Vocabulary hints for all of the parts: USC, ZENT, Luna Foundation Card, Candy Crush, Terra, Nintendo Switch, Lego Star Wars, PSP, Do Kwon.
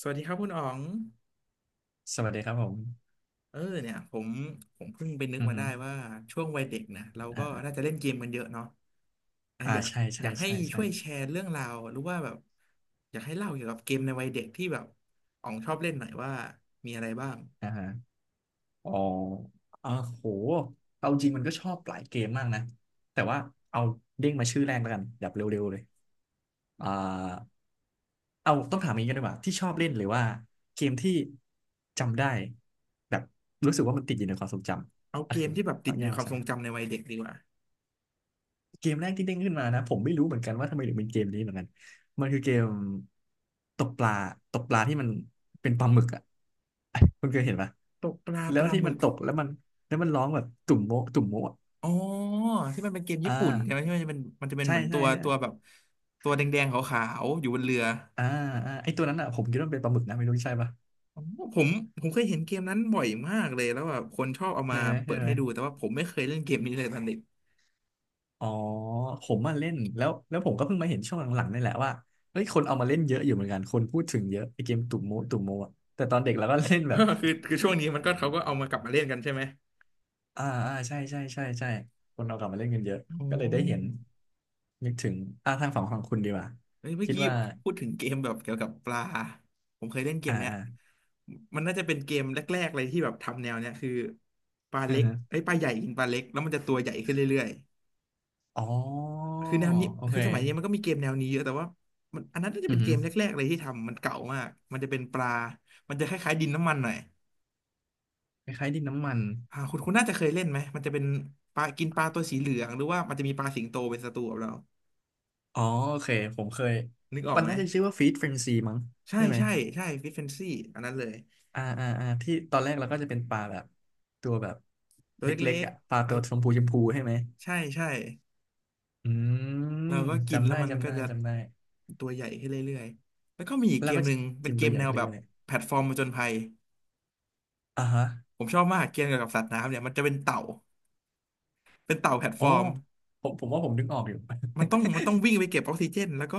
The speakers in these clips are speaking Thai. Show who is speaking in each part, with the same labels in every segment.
Speaker 1: สวัสดีครับคุณอ๋อง
Speaker 2: สวัสดีครับผม
Speaker 1: เออเนี่ยผมเพิ่งไปนึก
Speaker 2: อือ
Speaker 1: มา
Speaker 2: ฮึ
Speaker 1: ได้ว่าช่วงวัยเด็กนะเราก็
Speaker 2: อ่าอ่า
Speaker 1: น่าจะเล่นเกมกันเยอะเนาะอ่ะ
Speaker 2: อ่า
Speaker 1: อยาก
Speaker 2: ใช่
Speaker 1: อ
Speaker 2: ใช่
Speaker 1: ยากให้
Speaker 2: ใช่ใช่
Speaker 1: ช่วยแชร์เรื่องราวหรือว่าแบบอยากให้เล่าเกี่ยวกับเกมในวัยเด็กที่แบบอ๋องชอบเล่นหน่อยว่ามีอะไรบ้าง
Speaker 2: อ่าฮะอ๋ออ่าโห เอาจริงมันก็ชอบหลายเกมมากนะ แต่ว่าเอาเด้งมาชื่อแรกแล้วกันแบบเร็วๆเลยอ่าเอาต้องถามอย่างนี้กันดีกว่าที่ชอบเล่นหรือว่าเกมที่จำได้แบบรู้สึกว่ามันติดอยู่ในความทรงจ
Speaker 1: เอา
Speaker 2: ำก็
Speaker 1: เกม
Speaker 2: คือ
Speaker 1: ที่แบบติ
Speaker 2: ต้อ
Speaker 1: ด
Speaker 2: ง
Speaker 1: อ
Speaker 2: แย
Speaker 1: ยู่ใน
Speaker 2: ก
Speaker 1: ค
Speaker 2: มา
Speaker 1: วาม
Speaker 2: ใช่
Speaker 1: ทรงจำในวัยเด็กดีกว่า
Speaker 2: เกมแรกที่เด้งขึ้นมานะผมไม่รู้เหมือนกันว่าทำไมถึงเป็นเกมนี้เหมือนกันมันคือเกมตกปลาตกปลาที่มันเป็นปลาหมึกอ่ะ คุณเคยเห็นปะ
Speaker 1: ตกปลา
Speaker 2: แล้
Speaker 1: ป
Speaker 2: ว
Speaker 1: ลา
Speaker 2: ที่
Speaker 1: หมึ
Speaker 2: มัน
Speaker 1: ก
Speaker 2: ตกแล้วมันแล้วมันร้องแบบตุ่มโมะตุ่มโมะอะ
Speaker 1: อ๋อที่มันเป็นเกม
Speaker 2: อ่า
Speaker 1: ญี่ปุ่นใช่ไหมที่มันจะเป็นมันจะเป็น
Speaker 2: ใช่
Speaker 1: เหมือนตั
Speaker 2: ใช่
Speaker 1: ว
Speaker 2: ใช่
Speaker 1: ตัวแบบตัวแดงๆขาวๆอยู่บนเรือ
Speaker 2: อ่าอ่าไอตัวนั้นอ่ะผมคิดว่ามันเป็นปลาหมึกนะไม่รู้ใช่ปะ
Speaker 1: อ๋อผมผมเคยเห็นเกมนั้นบ่อยมากเลยแล้วแบบคนชอบเอามา
Speaker 2: ใช่ไหม
Speaker 1: เปิ
Speaker 2: ใช่
Speaker 1: ด
Speaker 2: ไหม
Speaker 1: ให้ดูแต่ว่าผมไม่เคยเล่นเกมนี้เลยตอนเด็ก
Speaker 2: อ๋อผมมาเล่นแล้วแล้วผมก็เพิ่งมาเห็นช่วงหลังๆนี่แหละว่าเฮ้ยคนเอามาเล่นเยอะอยู่เหมือนกันคนพูดถึงเยอะไอเกมตุ่มโมะตุ่มโมะอะแต่ตอนเด็กเราก็เล่นแบบ
Speaker 1: คือช่วงนี้มันก็เขาก็เอามากลับมาเล่นกันใช่ไหม
Speaker 2: อ่าอ่าใช่ใช่ใช่ใช่คนเอากลับมาเล่นกันเยอะ
Speaker 1: อ๋
Speaker 2: ก็เลยได้เห็น
Speaker 1: อ
Speaker 2: นึกถึงอ่าทางฝั่งของคุณดีกว่า
Speaker 1: เฮ้ยเมื่อ
Speaker 2: คิด
Speaker 1: กี้
Speaker 2: ว่า
Speaker 1: พูดถึงเกมแบบเกี่ยวกับปลาผมเคยเล่นเกม
Speaker 2: อ่า
Speaker 1: เนี้ย
Speaker 2: อ่า
Speaker 1: มันน่าจะเป็นเกมแรกๆเลยที่แบบทำแนวเนี้ยคือปลา
Speaker 2: อื
Speaker 1: เล็
Speaker 2: อ
Speaker 1: ก
Speaker 2: ฮึ
Speaker 1: ไอ้ยปลาใหญ่กินปลาเล็กแล้วมันจะตัวใหญ่ขึ้นเรื่อย
Speaker 2: อ๋อ
Speaker 1: ๆคือแนวนี้
Speaker 2: โอ
Speaker 1: คื
Speaker 2: เค
Speaker 1: อสมัยนี้มันก็มีเกมแนวนี้เยอะแต่ว่ามันอันนั้นน่าจะ
Speaker 2: อื
Speaker 1: เป็
Speaker 2: อ
Speaker 1: นเก
Speaker 2: ฮึ
Speaker 1: มแรกๆเลยที่ทำมันเก่ามากมันจะเป็นปลามันจะคล้ายๆดินน้ำมันหน่อย
Speaker 2: คล้ายๆดินน้ำมัน
Speaker 1: อ่าคุณน่าจะเคยเล่นไหมมันจะเป็นปลากินปลาตัวสีเหลืองหรือว่ามันจะมีปลาสิงโตเป็นศัตรูกับเรา
Speaker 2: อ๋อโอเคผมเคย
Speaker 1: นึกออก
Speaker 2: มัน
Speaker 1: ไหม
Speaker 2: น่าจะชื่อว่าฟีดเฟรนซีมั้ง
Speaker 1: ใช่
Speaker 2: ใช่ไหม
Speaker 1: ใช่ใช่ฟิชเฟนซี่อันนั้นเลย
Speaker 2: อ่าอ่าอ่าที่ตอนแรกเราก็จะเป็นปลาแบบตัวแบบ
Speaker 1: ตัว
Speaker 2: เล็
Speaker 1: เล็
Speaker 2: ก
Speaker 1: ก
Speaker 2: ๆอ่ะปลา
Speaker 1: ๆอั
Speaker 2: ตั
Speaker 1: น
Speaker 2: วชมพูชมพูใช่ไหม
Speaker 1: ใช่ใช่
Speaker 2: อืม
Speaker 1: เราก็กิน
Speaker 2: จำ
Speaker 1: แล้ว
Speaker 2: ได้
Speaker 1: มัน
Speaker 2: จำ
Speaker 1: ก็
Speaker 2: ได้
Speaker 1: จะ
Speaker 2: จำได้
Speaker 1: ตัวใหญ่ขึ้นเรื่อยๆแล้วก็มีอีก
Speaker 2: แล้
Speaker 1: เก
Speaker 2: ว
Speaker 1: ม
Speaker 2: ก็
Speaker 1: หนึ่งเป็
Speaker 2: กิ
Speaker 1: น
Speaker 2: น
Speaker 1: เก
Speaker 2: ตัว
Speaker 1: ม
Speaker 2: ใหญ่
Speaker 1: แนว
Speaker 2: ขึ้น
Speaker 1: แบบ
Speaker 2: เรื่อย
Speaker 1: แพลตฟอร์มผจญภัย
Speaker 2: ๆอ่าฮะ
Speaker 1: ผมชอบมากเกมเกี่ยวกับสัตว์น้ำเนี่ยมันจะเป็นเต่าเป็นเต่าแพลต
Speaker 2: อ๋
Speaker 1: ฟ
Speaker 2: อ
Speaker 1: อร์ม
Speaker 2: ผมผมว่าผมนึกออกอยู่
Speaker 1: มันต้องวิ่งไปเก็บออกซิเจนแล้วก็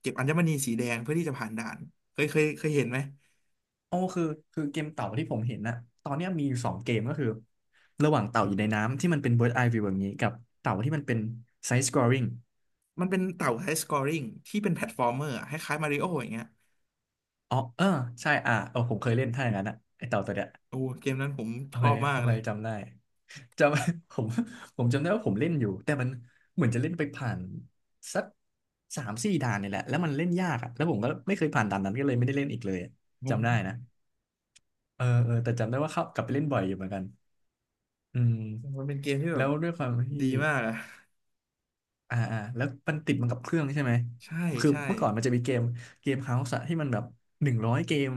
Speaker 1: เก็บอัญมณีสีแดงเพื่อที่จะผ่านด่านเคยเห็นไหม
Speaker 2: อ๋อคือคือเกมเต่าที่ผมเห็นนะตอนเนี้ยมีอยู่สองเกมก็คือระหว่างเต่าอยู่ในน้ำที่มันเป็น bird eye view แบบนี้กับเต่าที่มันเป็น side scrolling
Speaker 1: มันเป็นเต่าไฮสกอริงที่เป็นแพลตฟอร์มเมอร์อะคล้ายๆมาริโออย่างเงี้ย
Speaker 2: อ๋อเออใช่อ่ะเออผมเคยเล่นถ้าอย่างนั้นอะไอเต่าตัวเนี้ย
Speaker 1: โอ้เกมนั้นผม
Speaker 2: โอ
Speaker 1: ช
Speaker 2: เค
Speaker 1: อบมา
Speaker 2: โอ
Speaker 1: กเล
Speaker 2: เค
Speaker 1: ย
Speaker 2: จำได้จำ ผมผมจำได้ว่าผมเล่นอยู่แต่มันเหมือนจะเล่นไปผ่านสักสามสี่ด่านนี่แหละแล้วมันเล่นยากอะแล้วผมก็ไม่เคยผ่านด่านนั้นก็เลยไม่ได้เล่นอีกเลยอะ
Speaker 1: ผม
Speaker 2: จำได้นะเออเออแต่จำได้ว่าเข้ากลับไปเล่นบ่อยอยู่เหมือนกัน อืม
Speaker 1: มันเป็นเกมที่แบบ
Speaker 2: แล้วด้วยความ
Speaker 1: ดี
Speaker 2: ที่
Speaker 1: มากอะ
Speaker 2: อ่าอ่าแล้วมันติดมันกับเครื่องใช่ไหม
Speaker 1: ใช่
Speaker 2: คือ
Speaker 1: ใช่
Speaker 2: เมื่อก่อนมันจะมีเกมเฮาส์ที่มันแบบหนึ่งร้อยเกม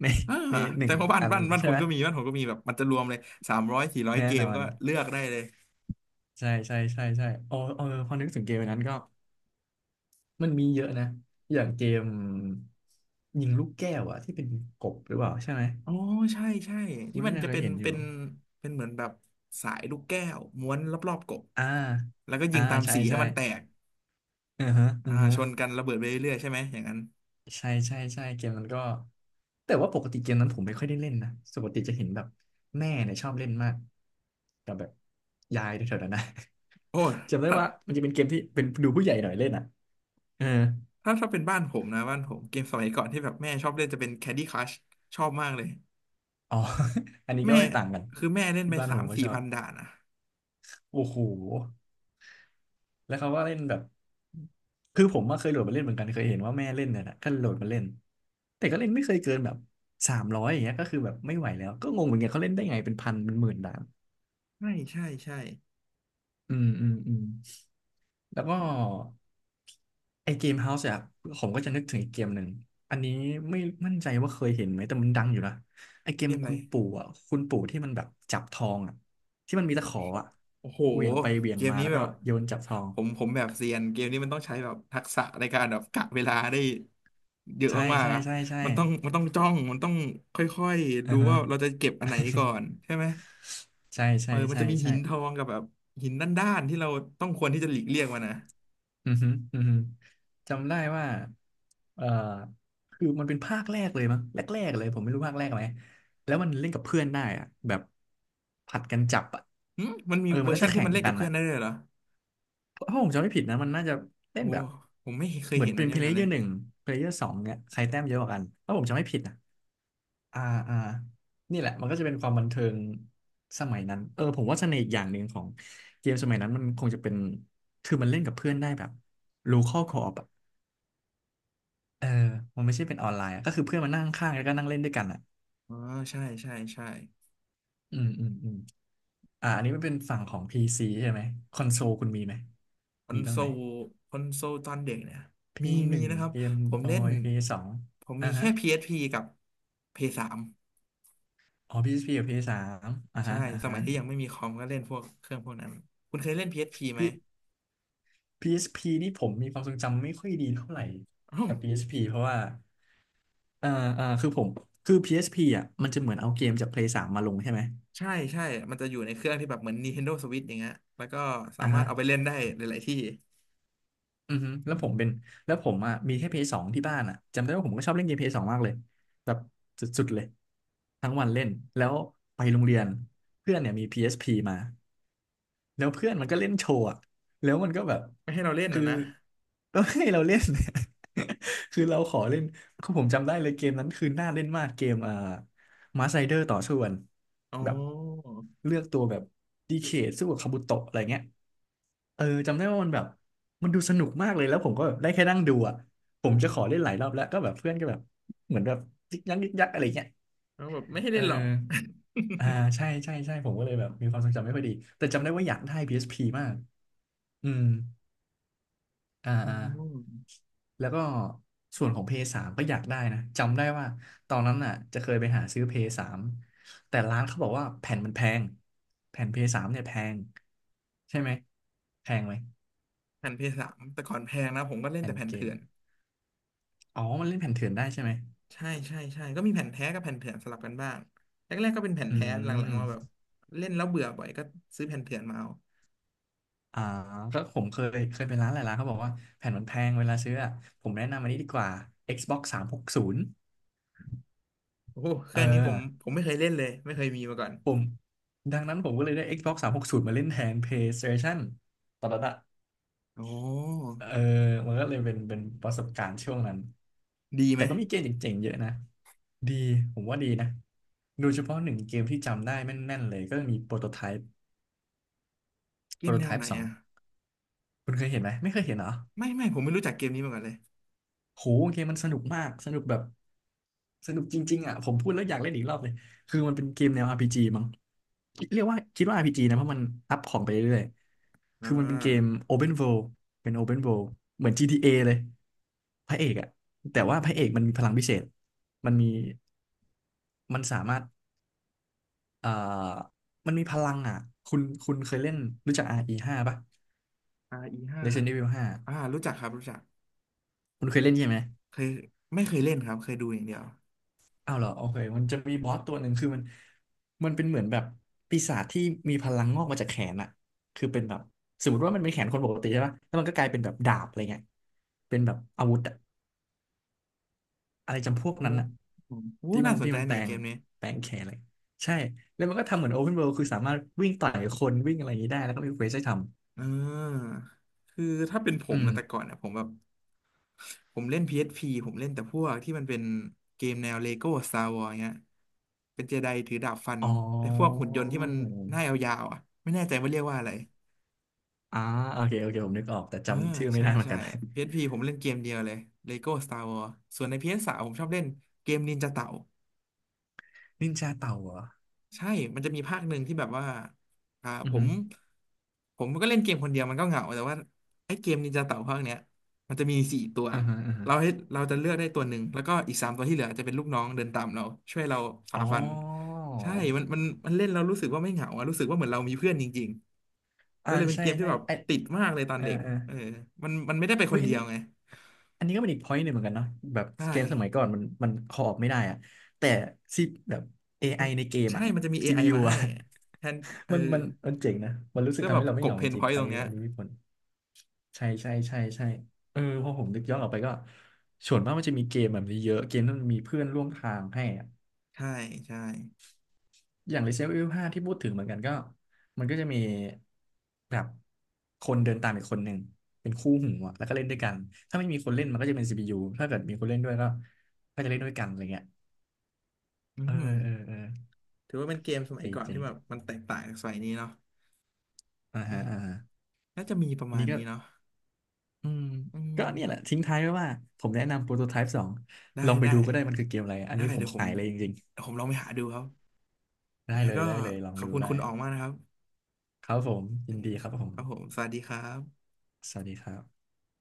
Speaker 2: ใน
Speaker 1: อ่า
Speaker 2: ในหนึ่
Speaker 1: แต่
Speaker 2: ง
Speaker 1: ว่าบ้าน
Speaker 2: อัน
Speaker 1: บ้านบ้าน
Speaker 2: ใช่
Speaker 1: คุณ
Speaker 2: ไหม
Speaker 1: ก็มีบ้านผมก็มีแบบมันจะรวมเลยสามร้อยสี่ร้อย
Speaker 2: แน่
Speaker 1: เก
Speaker 2: น
Speaker 1: ม
Speaker 2: อ
Speaker 1: ก็
Speaker 2: น
Speaker 1: เลือกได้เลย
Speaker 2: ใช่ใช่ใช่ใช่โอ้เออพอนึกถึงเกมอันนั้นก็มันมีเยอะนะอย่างเกมยิงลูกแก้วอะที่เป็นกบหรือเปล่าใช่ไหม
Speaker 1: อ๋อใช่ใช่
Speaker 2: คุ
Speaker 1: ที่
Speaker 2: ณ
Speaker 1: มั
Speaker 2: น่า
Speaker 1: น
Speaker 2: จะ
Speaker 1: จะ
Speaker 2: เค
Speaker 1: เป็
Speaker 2: ย
Speaker 1: น
Speaker 2: เห็นอ
Speaker 1: เป็
Speaker 2: ยู่
Speaker 1: นเป็นเหมือนแบบสายลูกแก้วม้วนรอบๆกบ
Speaker 2: อ่า
Speaker 1: แล้วก็ยิ
Speaker 2: อ่า
Speaker 1: งตาม
Speaker 2: ใช่
Speaker 1: สีให้
Speaker 2: ใช่
Speaker 1: มันแตก
Speaker 2: อือฮะอื
Speaker 1: อ่า
Speaker 2: อฮะ
Speaker 1: ชนกันระเบิดไปเรื่อยๆใช่ไหมอย่างนั้น
Speaker 2: ใช่ใช่ใช่เกมนั้นก็แต่ว่าปกติเกมนั้นผมไม่ค่อยได้เล่นนะปกติจะเห็นแบบแม่เนี่ยชอบเล่นมากกับแบบยายแถวๆนั้นนะ
Speaker 1: โอ
Speaker 2: จำได้
Speaker 1: ้
Speaker 2: ว่ามันจะเป็นเกมที่เป็นดูผู้ใหญ่หน่อยเล่นอ่ะเออ
Speaker 1: ถ้าเป็นบ้านผมนะบ้านผมเกมสมัยก่อนที่แบบแม่ชอบเล่นจะเป็น Candy Crush ชอบมากเลย
Speaker 2: อ๋อ อันนี้ก็
Speaker 1: แม่
Speaker 2: ไม่ต่างกัน
Speaker 1: คือแม่เล่น
Speaker 2: ที่
Speaker 1: ไป
Speaker 2: บ้าน
Speaker 1: สา
Speaker 2: ผ
Speaker 1: ม
Speaker 2: มก็
Speaker 1: สี่
Speaker 2: ชอบ
Speaker 1: พันด่านอ่ะ
Speaker 2: โอ้โหแล้วเขาก็เล่นแบบคือผมมาเคยโหลดมาเล่นเหมือนกันเคยเห็นว่าแม่เล่นเนี่ยนะก็โหลดมาเล่นแต่ก็เล่นไม่เคยเกินแบบสามร้อยอย่างเงี้ยก็คือแบบไม่ไหวแล้วก็งงเหมือนกันเขาเล่นได้ไงเป็นพันเป็นหมื่นด่าน
Speaker 1: ใช่ใช่ใช่
Speaker 2: อืมอืมอืม แล้วก็ไอเกมเฮาส์อะผมก็จะนึกถึงอีกเกมหนึ่งอันนี้ไม่มั่นใจว่าเคยเห็นไหมแต่มันดังอยู่นะไอเก
Speaker 1: เก
Speaker 2: ม
Speaker 1: มอะไร
Speaker 2: คุณปู่อะคุณปู่ที่มันแบบจับทองอะที่มันมีตะขออะ
Speaker 1: โอ้โห
Speaker 2: เหวี่ยงไปเหวี่ยง
Speaker 1: เกม
Speaker 2: มา
Speaker 1: นี้
Speaker 2: แล้ว
Speaker 1: แบ
Speaker 2: ก็
Speaker 1: บ
Speaker 2: โยนจับทอง
Speaker 1: ผมแบบเซียนเกมนี้มันต้องใช้แบบทักษะในการแบบกะเวลาได้เยอะ
Speaker 2: ใช่
Speaker 1: มาก
Speaker 2: ใช่
Speaker 1: ๆอ่ะ
Speaker 2: ใช่ใช่
Speaker 1: มันต้องจ้องมันต้องค่อยๆ
Speaker 2: อ่า
Speaker 1: ดู
Speaker 2: ฮะ
Speaker 1: ว่าเราจะเก็บอันไหนก่อนใช่ไหม
Speaker 2: ใช่
Speaker 1: เอ
Speaker 2: ใช่
Speaker 1: อมัน
Speaker 2: ใช่
Speaker 1: จะมีหิ
Speaker 2: ใช่
Speaker 1: นทองกับแบบหินด้านๆที่เราต้องควรที่จะหลีกเลี่ยงมันนะ
Speaker 2: อือฮึอือฮึจำได้ว่าเอ่อคือมันเป็นภาคแรกเลยมั้งแรกๆเลยผมไม่รู้ภาคแรกไหม แล้วมันเล่นกับเพื่อนได้อะแบบผัดกันจับอะ
Speaker 1: หึมันมี
Speaker 2: เออ
Speaker 1: เว
Speaker 2: มั
Speaker 1: อ
Speaker 2: น
Speaker 1: ร์
Speaker 2: น่า
Speaker 1: ชัน
Speaker 2: จะ
Speaker 1: ที่
Speaker 2: แข่
Speaker 1: มั
Speaker 2: ง
Speaker 1: นเล่น
Speaker 2: กั
Speaker 1: กับ
Speaker 2: น
Speaker 1: เพื่อ
Speaker 2: อะ
Speaker 1: นได้เลยเหรอ
Speaker 2: ถ้าผมจำไม่ผิดนะมันน่าจะเล่
Speaker 1: โอ้
Speaker 2: นแบบ
Speaker 1: ผมไม่เคย
Speaker 2: เหมือ
Speaker 1: เห็
Speaker 2: น
Speaker 1: นอั
Speaker 2: เป็
Speaker 1: น
Speaker 2: น
Speaker 1: เดี
Speaker 2: เพ
Speaker 1: ยว
Speaker 2: ล
Speaker 1: กัน
Speaker 2: เย
Speaker 1: เล
Speaker 2: อ
Speaker 1: ย
Speaker 2: ร์หนึ่งเพลเยอร์สองเนี่ยใครแต้มเยอะกว่ากันถ้าผมจำไม่ผิดนะอ่าอ่านี่แหละมันก็จะเป็นความบันเทิงสมัยนั้นเออผมว่าเสน่ห์อีกอย่างหนึ่งของเกมสมัยนั้นมันคงจะเป็นคือมันเล่นกับเพื่อนได้แบบ local co-op อะเออมันไม่ใช่เป็นออนไลน์อะก็คือเพื่อนมานั่งข้างๆแล้วก็นั่งเล่นด้วยกันอ่ะ
Speaker 1: อ๋อใช่ใช่ใช่
Speaker 2: อืมอืมอืมอ่าอันนี้มันเป็นฝั่งของ PC ใช่ไหมคอนโซลคุณมีไหม
Speaker 1: คอน
Speaker 2: มีบ้า
Speaker 1: โซ
Speaker 2: งไหม
Speaker 1: ลคอนโซลตอนเด็กเนี่ย
Speaker 2: p
Speaker 1: มี
Speaker 2: ห
Speaker 1: มี
Speaker 2: นึ่ง
Speaker 1: นะครับ
Speaker 2: เกม
Speaker 1: ผม
Speaker 2: บอ
Speaker 1: เล่น
Speaker 2: ย p สอง
Speaker 1: ผม
Speaker 2: อ่า
Speaker 1: มีแค่
Speaker 2: ฮะ
Speaker 1: PSP กับ p 3
Speaker 2: อ๋อ PSP กับ PS3 อสสามอ่า
Speaker 1: ใช่
Speaker 2: ฮะอ่า
Speaker 1: สมั
Speaker 2: ฮะ
Speaker 1: ยที่ยังไม่มีคอมก็เล่นพวกเครื่องพวกนั้น คุณเคยเล่น PSP ไหม
Speaker 2: พี่ PSP นี่ผมมีความทรงจำไม่ค่อยดีเท่าไหร่
Speaker 1: อ้าว
Speaker 2: กับ PSP เพราะว่าเอ่อเอ่อคือผม คือ PSP อสพีอ่ะมันจะเหมือนเอาเกมจาก Play 3มมาลงใช่ไหม
Speaker 1: ใช่ใช่มันจะอยู่ในเครื่องที่แบบเหมือน Nintendo Switch อย่างเงี้ยแล้วก็สา
Speaker 2: อ่า
Speaker 1: มารถ
Speaker 2: ฮะ
Speaker 1: เอาไปเล่นได้หลายๆที่
Speaker 2: อือฮึแล้วผมอ่ะมีแค่ PS 2ที่บ้านอ่ะ จำได้ว่าผมก็ชอบเล่นเกม PS 2มากเลยแบบสุดๆ เลยทั้งวันเล่น แล้วไปโรงเรียนเพื่อนเนี่ยมี PSP มา แล้วเพื่อนมันก็เล่นโชว์อะแล้วมันก็แบบ
Speaker 1: ไม่ให้เราเล่น
Speaker 2: คื
Speaker 1: นะ
Speaker 2: อ
Speaker 1: นะ
Speaker 2: ก็ให้เราเล่น คือเราขอเล่นคือผมจำได้เลยเกมนั้นคือน่าเล่นมากเกมอ่ามาไซเดอร์ต่อสู้กัน
Speaker 1: อ๋
Speaker 2: แบบ
Speaker 1: อ
Speaker 2: เลือกตัวแบบดีเคสู้กับคาบุโตะอะไรเงี้ยเออจำได้ว่ามันแบบมันดูสนุกมากเลยแล้วผมก็แบบได้แค่นั่งดูอ่ะผมจะขอเล่นหลายรอบแล้วก็แบบเพื่อนก็แบบเหมือนแบบยิกยักยิกยักอะไรเงี้ย
Speaker 1: แล้วแบบไม่ให้
Speaker 2: เอ
Speaker 1: เล่
Speaker 2: อ
Speaker 1: นหรอก
Speaker 2: อ่าใช่ใช่ใช่ผมก็เลยแบบมีความทรงจำไม่ค่อยดีแต่จำได้ว่าอยากได้พีเอสพีมากอืม อ่า
Speaker 1: อ๋อ
Speaker 2: อ่าแล้วก็ส่วนของ พเอสสามก็อยากได้นะจำได้ว่าตอนนั้นน่ะจะเคยไปหาซื้อ พเอสสามแต่ร้านเขาบอกว่าแผ่นมันแพงแผ่น พเอสสามเนี่ยแพงใช่ไหมแพงไหม
Speaker 1: แผ่นเพย์สสามแต่ก่อนแพงนะผมก็เล่น
Speaker 2: แผ่
Speaker 1: แต่
Speaker 2: น
Speaker 1: แผ่น
Speaker 2: เก
Speaker 1: เถื่
Speaker 2: ม
Speaker 1: อน
Speaker 2: อ๋อมันเล่นแผ่นเถื่อนได้ใช่ไหม
Speaker 1: ใช่ใช่ใช่ก็มีแผ่นแท้กับแผ่นเถื่อนสลับกันบ้างแรกๆก็เป็นแผ่น
Speaker 2: อื
Speaker 1: แท้หลังๆมาแบบ
Speaker 2: ม
Speaker 1: เล่นแล้วเบื่อบ่อยก็ซื้อแผ่นเถื่อนมาเอา
Speaker 2: อ่าก็ผมเคยไปร้านหลายร้านเขาบอกว่าแผ่นมันแพงเวลาซื้ออะผมแนะนำอันนี้ดีกว่า Xbox สามหกศูนย์
Speaker 1: โอ้โหเค
Speaker 2: เออ
Speaker 1: รื่องนี้ผมไม่เคยเล่นเลยไม่เคยมีมาก่อน
Speaker 2: ผมดังนั้นผมก็เลยได้ Xbox 360มหกศูนย์มาเล่นแทน PlayStation ตอนนั้นอะ
Speaker 1: โอ้
Speaker 2: เออมันก็เลยเป็นประสบการณ์ช่วงนั้น
Speaker 1: ดีไห
Speaker 2: แต่
Speaker 1: ม
Speaker 2: ก็มีเกมเจ๋งๆเยอะนะ ดี ผมว่าดีนะโดยเฉพาะหนึ่งเกมที่จำได้แม่นๆเลยก็มีโปรโตไทป์
Speaker 1: เก
Speaker 2: โปร
Speaker 1: ม
Speaker 2: โต
Speaker 1: แน
Speaker 2: ไท
Speaker 1: วไหน
Speaker 2: ป์สอง
Speaker 1: อ่ะ
Speaker 2: คุณเคยเห็นไหม ไม่เคยเห็นเหรอ
Speaker 1: ไม่ไม่ผมไม่รู้จักเกมนี้มาก่อนเลย
Speaker 2: โหเกมมันสนุกมาก สนุกแบบสนุกจริงๆอ่ะผมพูดแล้วอยากเล่นอีกรอบเลย คือมันเป็นเกมแนว RPG มั้งเรียกว่าคิดว่าอาร์พีจีนะเพราะมันอัพของไปเรื่อย
Speaker 1: อ่
Speaker 2: คือมันเป็นเกม
Speaker 1: า
Speaker 2: Open World เป็น Open World เหมือน GTA เอเลยพระเอกอะแต่ว่าพระเอกมันมีพลังพิเศษมันมีมันสามารถเอ่อมันมีพลังอะคุณเคยเล่นรู้จัก RE5 ป่ะ
Speaker 1: r ีห้า
Speaker 2: Resident Evil 5
Speaker 1: อ่ารู้จักครับรู้จัก
Speaker 2: คุณเคยเล่นใช่ไหม
Speaker 1: เคยไม่เคยเล่นครับเคยดูอย่างเดียว
Speaker 2: อ้าวเหรอโอเคมันจะมีบอสตัวหนึ่งคือมันมันเป็นเหมือนแบบปีศาจที่มีพลังงอกมาจากแขนอะคือเป็นแบบสมมติว่ามันเป็นแขนคนปกติใช่ป่ะแล้วมันก็กลายเป็นแบบดาบอะไรเงี้ยเป็นแบบอาวุธอะ อะไร
Speaker 1: โอ้
Speaker 2: จำพวก
Speaker 1: โห
Speaker 2: นั้นอะ
Speaker 1: โอ้น่าสน
Speaker 2: ที่
Speaker 1: ใจ
Speaker 2: มันแป
Speaker 1: ใน
Speaker 2: ล
Speaker 1: เก
Speaker 2: ง
Speaker 1: มนี้
Speaker 2: แปลงแขนอะไรใช่แล้วมันก็ทำเหมือนโอเพนเวิลด์คือสามารถวิ่งต่อยคนวิ่งอะไรอย่างนี้ได้แล้วก็มีเควสให้ทำ
Speaker 1: เออคือถ้าเป็นผ
Speaker 2: อื
Speaker 1: มนะแต่
Speaker 2: ม
Speaker 1: ก่อนเนี่ยผมแบบ ผมเล่น PSP ผมเล่นแต่พวกที่มันเป็นเกมแนวเลโก้ Star Wars เงี้ยเป็นเจไดถือดาบฟัน
Speaker 2: อ๋
Speaker 1: ไอ้พวก
Speaker 2: อ
Speaker 1: หุ่นยนต์ที่มันหน้ายาวๆอ่ะไม่แน่ใจว่าเรียกว่าอะไร
Speaker 2: อ่าโอเคโอเคผมนึกออกแต่
Speaker 1: เออ
Speaker 2: จำชื่อไม่
Speaker 1: ใช่
Speaker 2: ได้เหมือน
Speaker 1: ใช่
Speaker 2: กัน
Speaker 1: PSP ผมเล่นเกมเดียวเลย Lego Star Wars ส่วนใน PS3 ผมชอบเล่นเกมนินจาเต่า
Speaker 2: นินจาเต่าเหรอ
Speaker 1: ใช่มันจะมีภาคหนึ่งที่แบบว่าอ่า
Speaker 2: อื
Speaker 1: ผ
Speaker 2: อฮึ
Speaker 1: มผมก็เล่นเกมคนเดียวมันก็เหงา แต่ว่าไอ้เกมนินจาเต่าภาคเนี้ยมันจะมีสี่ตัว
Speaker 2: อือฮึอือฮึ
Speaker 1: เราให้เราจะเลือกได้ตัวหนึ่งแล้วก็อีกสามตัวที่เหลือจะเป็นลูกน้องเดินตามเราช่วยเรา
Speaker 2: อ๋
Speaker 1: ฝ่า
Speaker 2: อ
Speaker 1: ฟันใช่มันเล่นเรารู้สึกว่าไม่เหงาอะรู้สึกว่าเหมือนเรามีเพื่อนจริงๆ
Speaker 2: อ่า
Speaker 1: ก็เลยเป็น
Speaker 2: ใช่
Speaker 1: เกมที่
Speaker 2: ใช่
Speaker 1: แบบ
Speaker 2: ไอ
Speaker 1: ติดมากเลยตอ
Speaker 2: เอ
Speaker 1: น
Speaker 2: อ
Speaker 1: เด็ก
Speaker 2: เออ
Speaker 1: เออมันมันไม่ได้ไปค
Speaker 2: เฮ้
Speaker 1: น
Speaker 2: ยอั
Speaker 1: เดี
Speaker 2: น
Speaker 1: ยว
Speaker 2: นี้
Speaker 1: ไง
Speaker 2: อันนี้ก็เป็นอีก point หนึ่งเหมือนกันเนาะแบบ
Speaker 1: ใช่
Speaker 2: เกมสมัยก่อนมันคออไม่ได้อะแต่ซีแบบ AI ในเกม
Speaker 1: ใช่
Speaker 2: อะ
Speaker 1: มันจะมี AI
Speaker 2: CPU
Speaker 1: มาให้
Speaker 2: อะ
Speaker 1: แทนเอ อ
Speaker 2: มันมันมันเจ๋งนะมันรู้สึก
Speaker 1: เพื่อ
Speaker 2: ทำ
Speaker 1: แบ
Speaker 2: ให้
Speaker 1: บ
Speaker 2: เรา
Speaker 1: ก
Speaker 2: ไม่
Speaker 1: ล
Speaker 2: เห
Speaker 1: บ
Speaker 2: งา
Speaker 1: เพ
Speaker 2: จ
Speaker 1: นพ
Speaker 2: ริง
Speaker 1: อย
Speaker 2: ๆ
Speaker 1: ต์ตรงเนี้ย
Speaker 2: อันนี้มีผลใช่ใช่ใช่ใช่เออพอผมนึกย้อนออกไปก็ส่วนมากมันจะมีเกมแบบนี้เยอะเกมที่มันมีเพื่อนร่วมทางให้อะ
Speaker 1: ใช่ใช่
Speaker 2: อย่าง Resident Evil 5ที่พูดถึงเหมือนกันก็มันก็จะมีแบบคนเดินตามอีกคนหนึ่งเป็นคู่หูอะแล้วก็เล่นด้วยกันถ้าไม่มีคนเล่นมันก็จะเป็น CPU ถ้าเกิดมีคนเล่นด้วยก็จะเล่นด้วยกันอะไรเงี้ย
Speaker 1: อื
Speaker 2: เออ
Speaker 1: ม
Speaker 2: เออเออ
Speaker 1: ถือว่าเป็นเกมสมั
Speaker 2: จ
Speaker 1: ย
Speaker 2: ริง
Speaker 1: ก่อน
Speaker 2: จริ
Speaker 1: ที่
Speaker 2: ง
Speaker 1: แบบมันแตกต่างจากสมัยนี้เนาะ
Speaker 2: อ่า
Speaker 1: เอ
Speaker 2: ฮะอ่า
Speaker 1: อ
Speaker 2: ฮะ
Speaker 1: น่าจะมีประ
Speaker 2: อัน
Speaker 1: มาณ
Speaker 2: นี้ก็
Speaker 1: นี้เนาะ
Speaker 2: อืม
Speaker 1: อืม
Speaker 2: ก็เนี่ยแหละทิ้งท้ายไว้ว่าผมแนะนำโปรโตไทป์สอง
Speaker 1: ได้
Speaker 2: ลองไป
Speaker 1: ได้
Speaker 2: ดูก็ได้มันคือเกมอะไรอัน
Speaker 1: ได้
Speaker 2: นี้ผม
Speaker 1: เดี๋ยวผม
Speaker 2: ขายเลยจริง
Speaker 1: เดี๋ยวผมลองไปหาดูครับ
Speaker 2: ๆ
Speaker 1: ยั
Speaker 2: ได้
Speaker 1: งไง
Speaker 2: เลย
Speaker 1: ก็
Speaker 2: ได้เลยลอง
Speaker 1: ขอบ
Speaker 2: ดู
Speaker 1: คุณ
Speaker 2: ได้
Speaker 1: คุณออกมากนะครับ
Speaker 2: ครับผม
Speaker 1: เอ
Speaker 2: ยิ
Speaker 1: อ
Speaker 2: นดีครับผม
Speaker 1: ครับผมสวัสดีครับ
Speaker 2: สวัสดีครับ